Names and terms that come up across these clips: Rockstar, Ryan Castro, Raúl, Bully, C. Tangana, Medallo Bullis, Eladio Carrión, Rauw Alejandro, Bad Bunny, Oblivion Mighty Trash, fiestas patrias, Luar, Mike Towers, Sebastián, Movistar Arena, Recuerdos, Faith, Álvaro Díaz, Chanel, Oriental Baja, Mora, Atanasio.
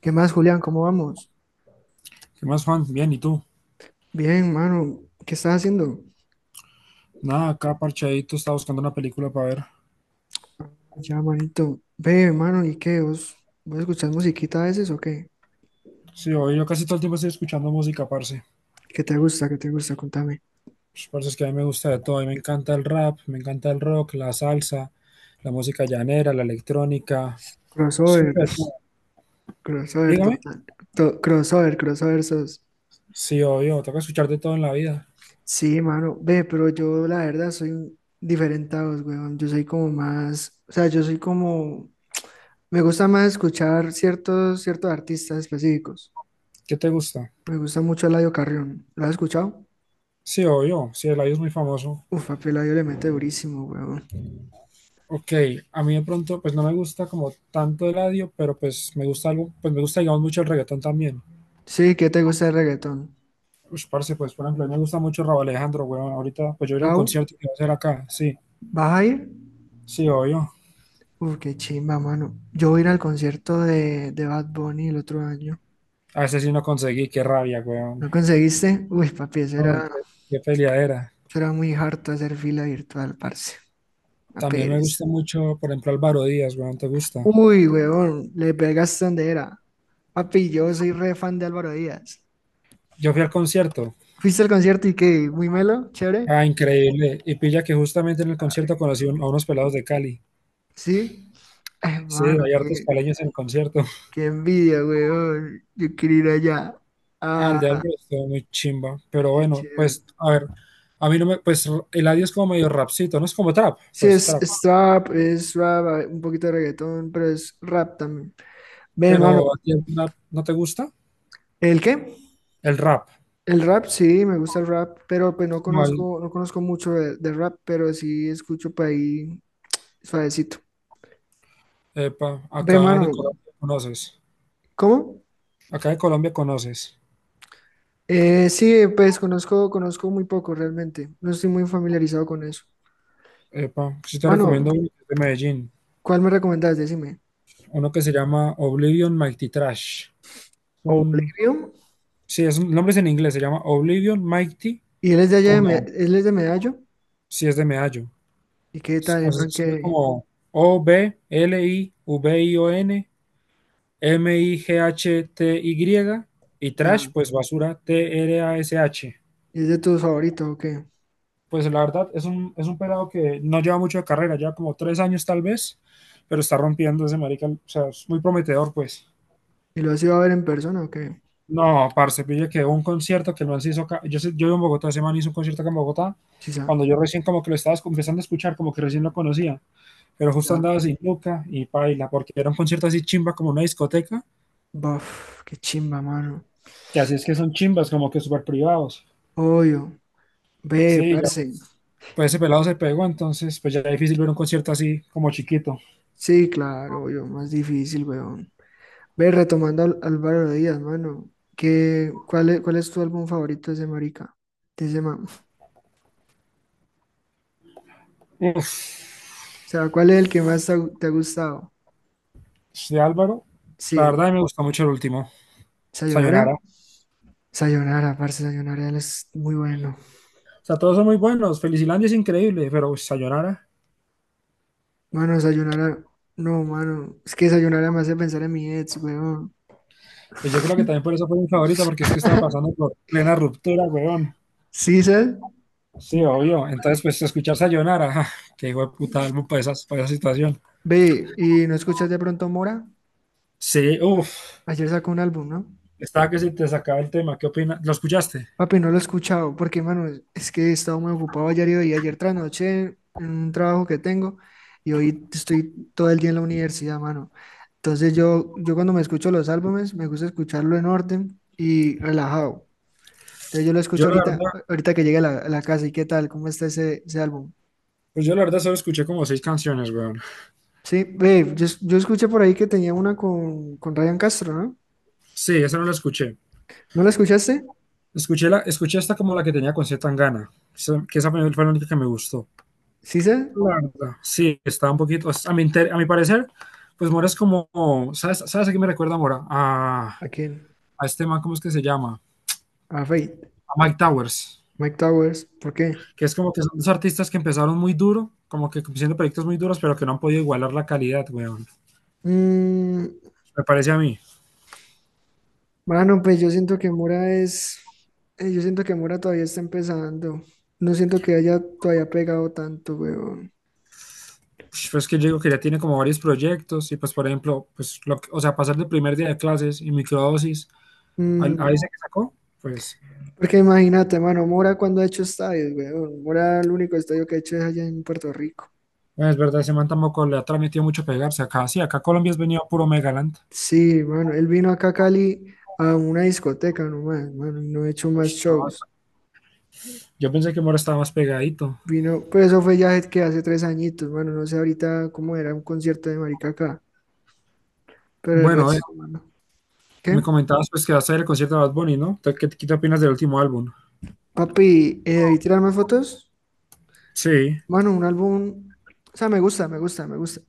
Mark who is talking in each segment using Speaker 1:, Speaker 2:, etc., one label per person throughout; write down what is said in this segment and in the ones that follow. Speaker 1: ¿Qué más, Julián? ¿Cómo vamos?
Speaker 2: ¿Qué más, Juan? Bien, ¿y tú?
Speaker 1: Bien, mano. ¿Qué estás haciendo?
Speaker 2: Nada, acá parchadito, estaba buscando una película para ver.
Speaker 1: Ya, manito. Ve, mano, ¿y qué? ¿Vos escuchás musiquita a veces o qué?
Speaker 2: Sí, hoy yo casi todo el tiempo estoy escuchando música, parce.
Speaker 1: ¿Qué te gusta? Contame.
Speaker 2: Pues, parce, es que a mí me gusta de todo. A mí me encanta el rap, me encanta el rock, la salsa, la música llanera, la electrónica. Escucho
Speaker 1: Crossover.
Speaker 2: de todo.
Speaker 1: Crossover
Speaker 2: Dígame.
Speaker 1: total. Crossover, crossover sos.
Speaker 2: Sí, obvio, toca escuchar de todo en la vida.
Speaker 1: Sí, mano. Ve, pero yo la verdad diferente a vos, weón. Yo soy como más... O sea, yo soy como... Me gusta más escuchar ciertos artistas específicos.
Speaker 2: ¿Qué te gusta?
Speaker 1: Me gusta mucho Eladio Carrión. ¿Lo has escuchado?
Speaker 2: Sí, obvio, sí, Eladio es muy famoso.
Speaker 1: Uf, papi, Eladio le mete durísimo, weón.
Speaker 2: Ok, a mí de pronto, pues no me gusta como tanto Eladio, pero pues me gusta algo, pues me gusta, digamos, mucho el reggaetón también.
Speaker 1: Sí, ¿qué te gusta el reggaetón?
Speaker 2: Ush, parce, pues por ejemplo, a mí me gusta mucho Rauw Alejandro, weón. Ahorita, pues yo iré al
Speaker 1: Raúl,
Speaker 2: concierto que va a hacer acá. Sí,
Speaker 1: ¿vas a ir?
Speaker 2: sí, obvio.
Speaker 1: Uf, qué chimba, mano. Yo voy a ir al concierto de Bad Bunny el otro año.
Speaker 2: A ese sí no conseguí, qué rabia, weón.
Speaker 1: ¿No conseguiste? Uy, papi,
Speaker 2: Ay, qué, qué peleadera.
Speaker 1: eso era muy harto hacer fila virtual, parce. La
Speaker 2: También me
Speaker 1: pereza.
Speaker 2: gusta mucho, por ejemplo, Álvaro Díaz, weón, ¿te gusta?
Speaker 1: Uy, huevón, le pegaste donde era. Papi, yo soy re fan de Álvaro Díaz.
Speaker 2: Yo fui al concierto.
Speaker 1: ¿Fuiste al concierto y qué? ¿Muy melo? ¿Chévere?
Speaker 2: Ah, increíble. Y pilla que justamente en el concierto conocí a
Speaker 1: No.
Speaker 2: unos pelados de Cali.
Speaker 1: ¿Sí?
Speaker 2: Sí,
Speaker 1: Hermano,
Speaker 2: hay hartos caleños en el concierto.
Speaker 1: qué envidia, huevón. Yo quiero ir allá.
Speaker 2: Ah, el de
Speaker 1: Ah,
Speaker 2: Álvaro estuvo muy chimba. Pero
Speaker 1: qué
Speaker 2: bueno,
Speaker 1: chévere.
Speaker 2: pues, a ver. A mí no me, pues, el Eladio es como medio rapcito, no es como trap,
Speaker 1: Sí,
Speaker 2: pues trap.
Speaker 1: es trap, es rap, hay un poquito de reggaetón, pero es rap también. Ve,
Speaker 2: Pero
Speaker 1: hermano,
Speaker 2: a ti el trap no te gusta.
Speaker 1: ¿el qué?
Speaker 2: El rap.
Speaker 1: El rap, sí, me gusta el rap, pero pues
Speaker 2: Mal.
Speaker 1: no conozco mucho de rap, pero sí escucho por ahí suavecito.
Speaker 2: Epa,
Speaker 1: Ve,
Speaker 2: acá de
Speaker 1: hermano,
Speaker 2: Colombia conoces.
Speaker 1: ¿cómo?
Speaker 2: Acá de Colombia conoces.
Speaker 1: Sí, pues conozco muy poco realmente, no estoy muy familiarizado con eso.
Speaker 2: Epa, sí te
Speaker 1: Mano,
Speaker 2: recomiendo uno que es de Medellín.
Speaker 1: ¿cuál me recomendás? Decime.
Speaker 2: Uno que se llama Oblivion Mighty Trash.
Speaker 1: O
Speaker 2: Un,
Speaker 1: Bolivio,
Speaker 2: sí, es un nombre es en inglés, se llama Oblivion Mighty,
Speaker 1: y él es de allá,
Speaker 2: como
Speaker 1: él es de Medallo,
Speaker 2: si es de Medallo.
Speaker 1: ¿y qué
Speaker 2: Es-
Speaker 1: tal,
Speaker 2: O sea, se
Speaker 1: hermano,
Speaker 2: escribe
Speaker 1: que
Speaker 2: como Oblivion Mighty y trash,
Speaker 1: ya,
Speaker 2: pues basura Trash.
Speaker 1: es de tus favoritos o qué?
Speaker 2: Pues la verdad es un pelado que no lleva mucho de carrera, lleva como 3 años tal vez, pero está rompiendo ese marica, o sea, es muy prometedor, pues.
Speaker 1: ¿Y lo has ido a ver en persona o qué?
Speaker 2: No, parce, pille que un concierto que el man se hizo acá, yo vivo en Bogotá, ese man hizo un concierto acá en Bogotá,
Speaker 1: Sí, ya.
Speaker 2: cuando yo recién como que lo estaba empezando a escuchar, como que recién lo conocía, pero justo
Speaker 1: Ya.
Speaker 2: andaba sin Luca y paila, porque era un concierto así chimba, como una discoteca,
Speaker 1: Buf, qué chimba, mano.
Speaker 2: que así es que son chimbas, como que súper privados.
Speaker 1: Obvio. Ve,
Speaker 2: Sí, ya,
Speaker 1: parce.
Speaker 2: pues ese pelado se pegó, entonces pues ya es difícil ver un concierto así como chiquito.
Speaker 1: Sí, claro, obvio. Más difícil, weón. Ve, retomando al Álvaro Díaz, mano. ¿Qué, cuál es tu álbum favorito de ese marica? De ese man. O
Speaker 2: Uf.
Speaker 1: sea, ¿cuál es el que más te ha gustado?
Speaker 2: De Álvaro. La
Speaker 1: Sí.
Speaker 2: verdad, me gusta mucho el último, Sayonara.
Speaker 1: ¿Sayonara?
Speaker 2: O
Speaker 1: Sayonara, parce, Sayonara él es muy bueno.
Speaker 2: sea, todos son muy buenos. Felicilandia es increíble, pero uy, Sayonara.
Speaker 1: Mano, Sayonara. No, mano. Es que Sayonara me hace pensar en mi ex, weón.
Speaker 2: Pues yo creo que también por eso fue mi favorita, porque es que estaba pasando por plena ruptura, weón.
Speaker 1: ¿Sí, sabes?
Speaker 2: Sí,
Speaker 1: No.
Speaker 2: obvio. Entonces, pues escuchar Sayonara, que hijo de puta álbum para esa situación.
Speaker 1: Ve, ¿y no escuchas de pronto Mora?
Speaker 2: Sí, uff.
Speaker 1: Ayer sacó un álbum, ¿no?
Speaker 2: Estaba que se te sacaba el tema. ¿Qué opinas? ¿Lo escuchaste?
Speaker 1: Papi, no lo he escuchado, porque, mano, es que he estado muy ocupado ayer y hoy, ayer tras noche en un trabajo que tengo, y hoy estoy todo el día en la universidad, mano. Entonces yo cuando me escucho los álbumes, me gusta escucharlo en orden y relajado. Entonces yo lo
Speaker 2: Yo
Speaker 1: escucho
Speaker 2: la
Speaker 1: ahorita,
Speaker 2: verdad,
Speaker 1: ahorita que llegue a a la casa, ¿y qué tal? ¿Cómo está ese álbum?
Speaker 2: pues yo la verdad solo escuché como seis canciones, weón.
Speaker 1: Sí, ve, yo escuché por ahí que tenía una con Ryan Castro, ¿no?
Speaker 2: Sí, esa no la escuché.
Speaker 1: ¿No la escuchaste?
Speaker 2: Escuché la, escuché esta como la que tenía con C. Tangana, que esa fue la única que me gustó.
Speaker 1: ¿Sí, sé?
Speaker 2: La verdad, sí, está un poquito, a mi, a mi parecer, pues Mora es como, ¿sabes a qué me recuerda Mora?
Speaker 1: ¿A quién?
Speaker 2: A este man, ¿cómo es que se llama?
Speaker 1: A Faith.
Speaker 2: A Mike Towers,
Speaker 1: Mike Towers, ¿por qué?
Speaker 2: que es como que son dos artistas que empezaron muy duro, como que haciendo proyectos muy duros, pero que no han podido igualar la calidad, weón.
Speaker 1: Mm,
Speaker 2: Me parece a mí.
Speaker 1: bueno, pues yo siento que yo siento que Mora todavía está empezando. No siento que haya todavía pegado tanto, weón.
Speaker 2: Pues es que yo digo que ya tiene como varios proyectos y pues, por ejemplo, pues, o sea, pasar del primer día de clases y microdosis a
Speaker 1: Mm,
Speaker 2: ese que sacó, pues,
Speaker 1: porque imagínate, mano, Mora cuando ha hecho estadios, weón. Mora el único estadio que ha hecho es allá en Puerto Rico.
Speaker 2: bueno, es verdad, ese man tampoco le ha transmitido mucho pegarse acá. Sí, acá Colombia es venido puro Megaland.
Speaker 1: Sí, mano, él vino acá a Cali a una discoteca nomás, mano, y no ha hecho
Speaker 2: Uy,
Speaker 1: más
Speaker 2: no,
Speaker 1: shows.
Speaker 2: yo pensé que Mora estaba más pegadito.
Speaker 1: Vino, pero eso fue ya que hace tres añitos, mano, no sé ahorita cómo era un concierto de marica acá, pero el
Speaker 2: Bueno,
Speaker 1: resto, mano.
Speaker 2: me
Speaker 1: ¿Qué?
Speaker 2: comentabas pues que vas a ir al concierto de Bad Bunny, ¿no? ¿Qué, qué te opinas del último álbum?
Speaker 1: Papi, ¿y tirarme fotos?
Speaker 2: Sí,
Speaker 1: Bueno, un álbum, o sea, me gusta.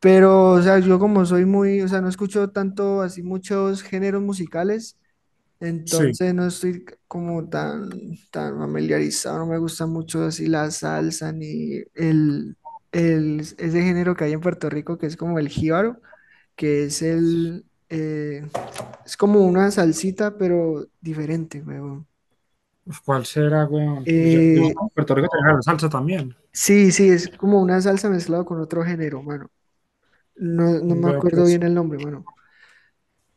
Speaker 1: Pero, o sea, yo como soy muy, o sea, no escucho tanto así muchos géneros musicales,
Speaker 2: sí.
Speaker 1: entonces no estoy como tan, tan familiarizado, no me gusta mucho así la salsa ni el, ese género que hay en Puerto Rico que es como el jíbaro, que es es como una salsita, pero diferente, weón.
Speaker 2: Uf, ¿cuál será, weón? Pues yo, sé que en Puerto Rico tenía la salsa también.
Speaker 1: Sí, sí, es como una salsa mezclada con otro género, mano. No, no me
Speaker 2: Veo
Speaker 1: acuerdo
Speaker 2: pues,
Speaker 1: bien el nombre, mano.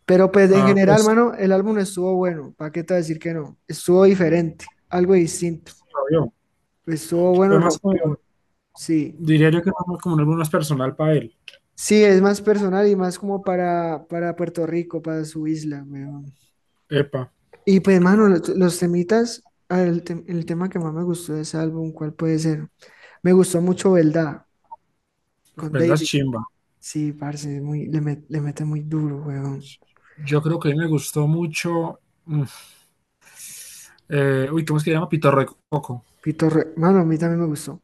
Speaker 1: Pero pues en
Speaker 2: ah,
Speaker 1: general,
Speaker 2: pues,
Speaker 1: mano, el álbum estuvo bueno. ¿Para qué te voy a decir que no? Estuvo diferente, algo distinto.
Speaker 2: sí, lo vio.
Speaker 1: Estuvo
Speaker 2: Fue
Speaker 1: bueno,
Speaker 2: más como,
Speaker 1: rompió. Sí.
Speaker 2: diría yo que fue más como un álbum más personal para él.
Speaker 1: Sí, es más personal y más como para Puerto Rico, para su isla, weón.
Speaker 2: Epa,
Speaker 1: Y pues, mano, los temitas, a ver, el tema que más me gustó de ese álbum, ¿cuál puede ser? Me gustó mucho Belda con
Speaker 2: ¿verdad?
Speaker 1: David.
Speaker 2: Chimba.
Speaker 1: Sí, parce, le mete muy duro, weón.
Speaker 2: Yo creo que a mí me gustó mucho, mm, ¿cómo es que se llama? Pitorro de Coco.
Speaker 1: Mano, a mí también me gustó.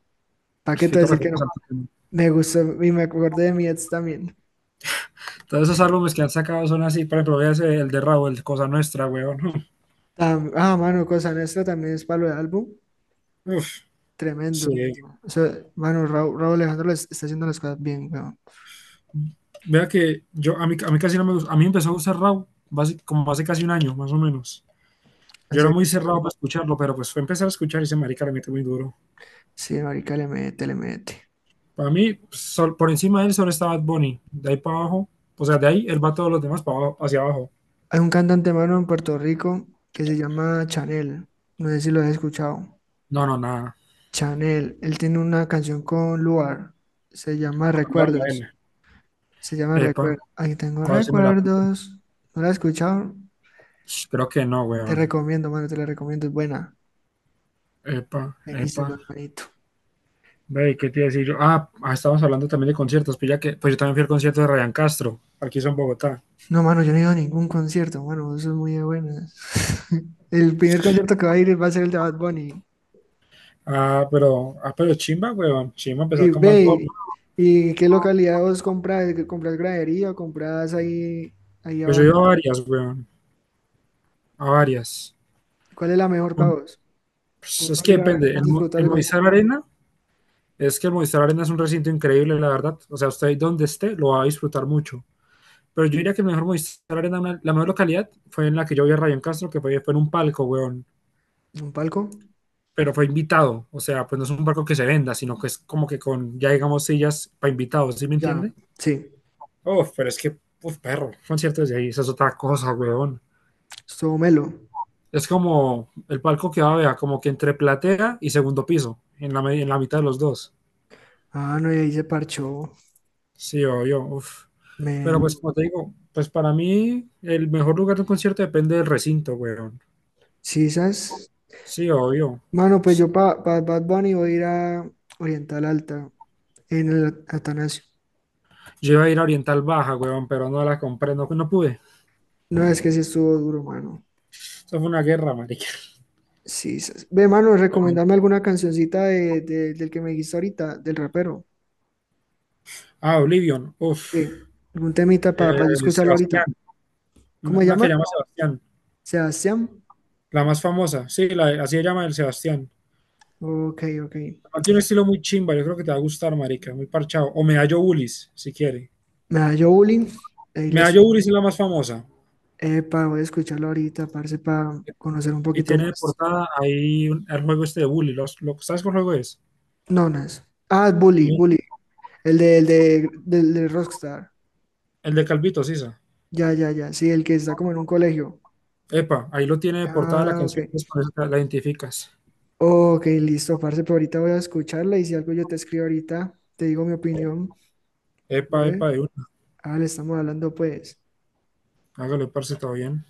Speaker 1: ¿Para qué te voy a
Speaker 2: Pitorro
Speaker 1: decir
Speaker 2: de
Speaker 1: que
Speaker 2: Coco.
Speaker 1: no?
Speaker 2: Santo.
Speaker 1: Me gustó y me acordé de mi ex también.
Speaker 2: Todos esos álbumes que han sacado son así, por ejemplo, véase el de Raúl, Cosa Nuestra, weón. ¿No?
Speaker 1: Ah, mano, Cosa Nuestra también es palo de álbum.
Speaker 2: Uf,
Speaker 1: Tremendo,
Speaker 2: sí.
Speaker 1: mano. O sea, mano, Raúl Alejandro está haciendo las cosas bien, weón.
Speaker 2: Vea que yo, a mí casi no me gusta. A mí empezó a gustar como hace casi un año, más o menos. Yo era
Speaker 1: Hace
Speaker 2: muy cerrado
Speaker 1: canciones...
Speaker 2: para escucharlo, pero pues fue empezar a escuchar y ese marica le mete muy duro.
Speaker 1: Sí, marica, le mete.
Speaker 2: Para mí, pues, por encima de él solo está Bad Bunny. De ahí para abajo, o sea, de ahí él va todos los demás para abajo, hacia abajo.
Speaker 1: Hay un cantante, mano, en Puerto Rico que se llama Chanel. No sé si lo has escuchado.
Speaker 2: No, no, nada.
Speaker 1: Chanel, él tiene una canción con Luar. Se llama
Speaker 2: Con Anuar
Speaker 1: Recuerdos.
Speaker 2: la
Speaker 1: Se llama
Speaker 2: epa,
Speaker 1: Recuerdos. Ahí tengo
Speaker 2: a ver si me la pillo.
Speaker 1: recuerdos. ¿No la has escuchado?
Speaker 2: Sh, creo que no,
Speaker 1: Te
Speaker 2: weón.
Speaker 1: recomiendo, mano, te la recomiendo, es buena.
Speaker 2: Epa, epa.
Speaker 1: Buenísima, hermanito.
Speaker 2: Ve, ¿qué te iba a decir yo? Ah, ah, estábamos hablando también de conciertos, pues ya que, pues yo también fui al concierto de Ryan Castro, aquí son Bogotá.
Speaker 1: No, mano, yo no he ido a ningún concierto, mano, eso es muy de buenas. El primer concierto que va a ir va a ser el de Bad Bunny.
Speaker 2: Ah, pero chimba, weón. Chimba
Speaker 1: Y
Speaker 2: empezar con Bad Bunny.
Speaker 1: ve, ¿y qué localidad vos compras? ¿Compras gradería o compras ahí
Speaker 2: Pues yo he
Speaker 1: abajo?
Speaker 2: ido a varias, weón. A varias.
Speaker 1: ¿Cuál es la mejor para vos?
Speaker 2: Pues es
Speaker 1: Para
Speaker 2: que
Speaker 1: ir a ver,
Speaker 2: depende.
Speaker 1: disfrutar
Speaker 2: El
Speaker 1: el concierto.
Speaker 2: Movistar Arena, es que el Movistar Arena es un recinto increíble, la verdad. O sea, usted ahí donde esté lo va a disfrutar mucho. Pero yo diría que el mejor Movistar Arena, la mejor localidad fue en la que yo vi a Ryan Castro, que fue en un palco, weón.
Speaker 1: ¿Un palco?
Speaker 2: Pero fue invitado. O sea, pues no es un palco que se venda, sino que es como que con, ya digamos, sillas para invitados, ¿sí me
Speaker 1: Ya,
Speaker 2: entiende?
Speaker 1: sí.
Speaker 2: Oh, pero es que, uf, perro, conciertos de ahí, esa es otra cosa, weón.
Speaker 1: Estuvo melo.
Speaker 2: Es como el palco que va a ver, como que entre platea y segundo piso, en la mitad de los dos.
Speaker 1: Ah, no, y ahí se parchó.
Speaker 2: Sí, o yo, uf. Pero pues
Speaker 1: Melo.
Speaker 2: como te digo, pues para mí el mejor lugar de un concierto depende del recinto, weón.
Speaker 1: Sisas.
Speaker 2: Sí, obvio.
Speaker 1: Mano, pues yo pa Bad Bunny voy a ir a Oriental Alta en el Atanasio.
Speaker 2: Yo iba a ir a Oriental Baja, weón, pero no la compré, no, no pude.
Speaker 1: No, es que sí estuvo duro, mano.
Speaker 2: Eso fue una guerra, marica.
Speaker 1: Ve, mano,
Speaker 2: Pero-
Speaker 1: recomendame alguna cancioncita del que me dijiste ahorita, del rapero.
Speaker 2: ah, Oblivion, uff.
Speaker 1: Sí, algún temita para yo escucharlo ahorita.
Speaker 2: Sebastián,
Speaker 1: ¿Cómo se
Speaker 2: una que
Speaker 1: llama?
Speaker 2: llama Sebastián,
Speaker 1: Sebastián.
Speaker 2: la más famosa, sí, la, así se llama el Sebastián.
Speaker 1: Ok, ok.
Speaker 2: Man tiene un estilo muy chimba, yo creo que te va a gustar, marica, muy parchado. O Medallo Bullis, si quiere.
Speaker 1: Me da yo bullying. Ahí les...
Speaker 2: Medallo Bullis es la más famosa.
Speaker 1: Epa, voy a escucharlo ahorita, parce, para conocer un
Speaker 2: Y
Speaker 1: poquito
Speaker 2: tiene de
Speaker 1: más.
Speaker 2: portada ahí el juego este de Bully. ¿Sabes qué juego es?
Speaker 1: Nonas. Ah, Bully,
Speaker 2: No.
Speaker 1: Bully. Del de Rockstar.
Speaker 2: El de Calvito, Sisa.
Speaker 1: Ya, ya, ya. Sí, el que está como en un colegio.
Speaker 2: Epa, ahí lo tiene de portada la
Speaker 1: Ah, ok.
Speaker 2: canción, pues por eso te la identificas.
Speaker 1: Ok, listo, parce, pero ahorita voy a escucharla y si algo yo te escribo ahorita, te digo mi opinión.
Speaker 2: Epa,
Speaker 1: ¿Dale?
Speaker 2: epa, de una.
Speaker 1: Ah, le estamos hablando pues.
Speaker 2: Hágale, parce, todo bien.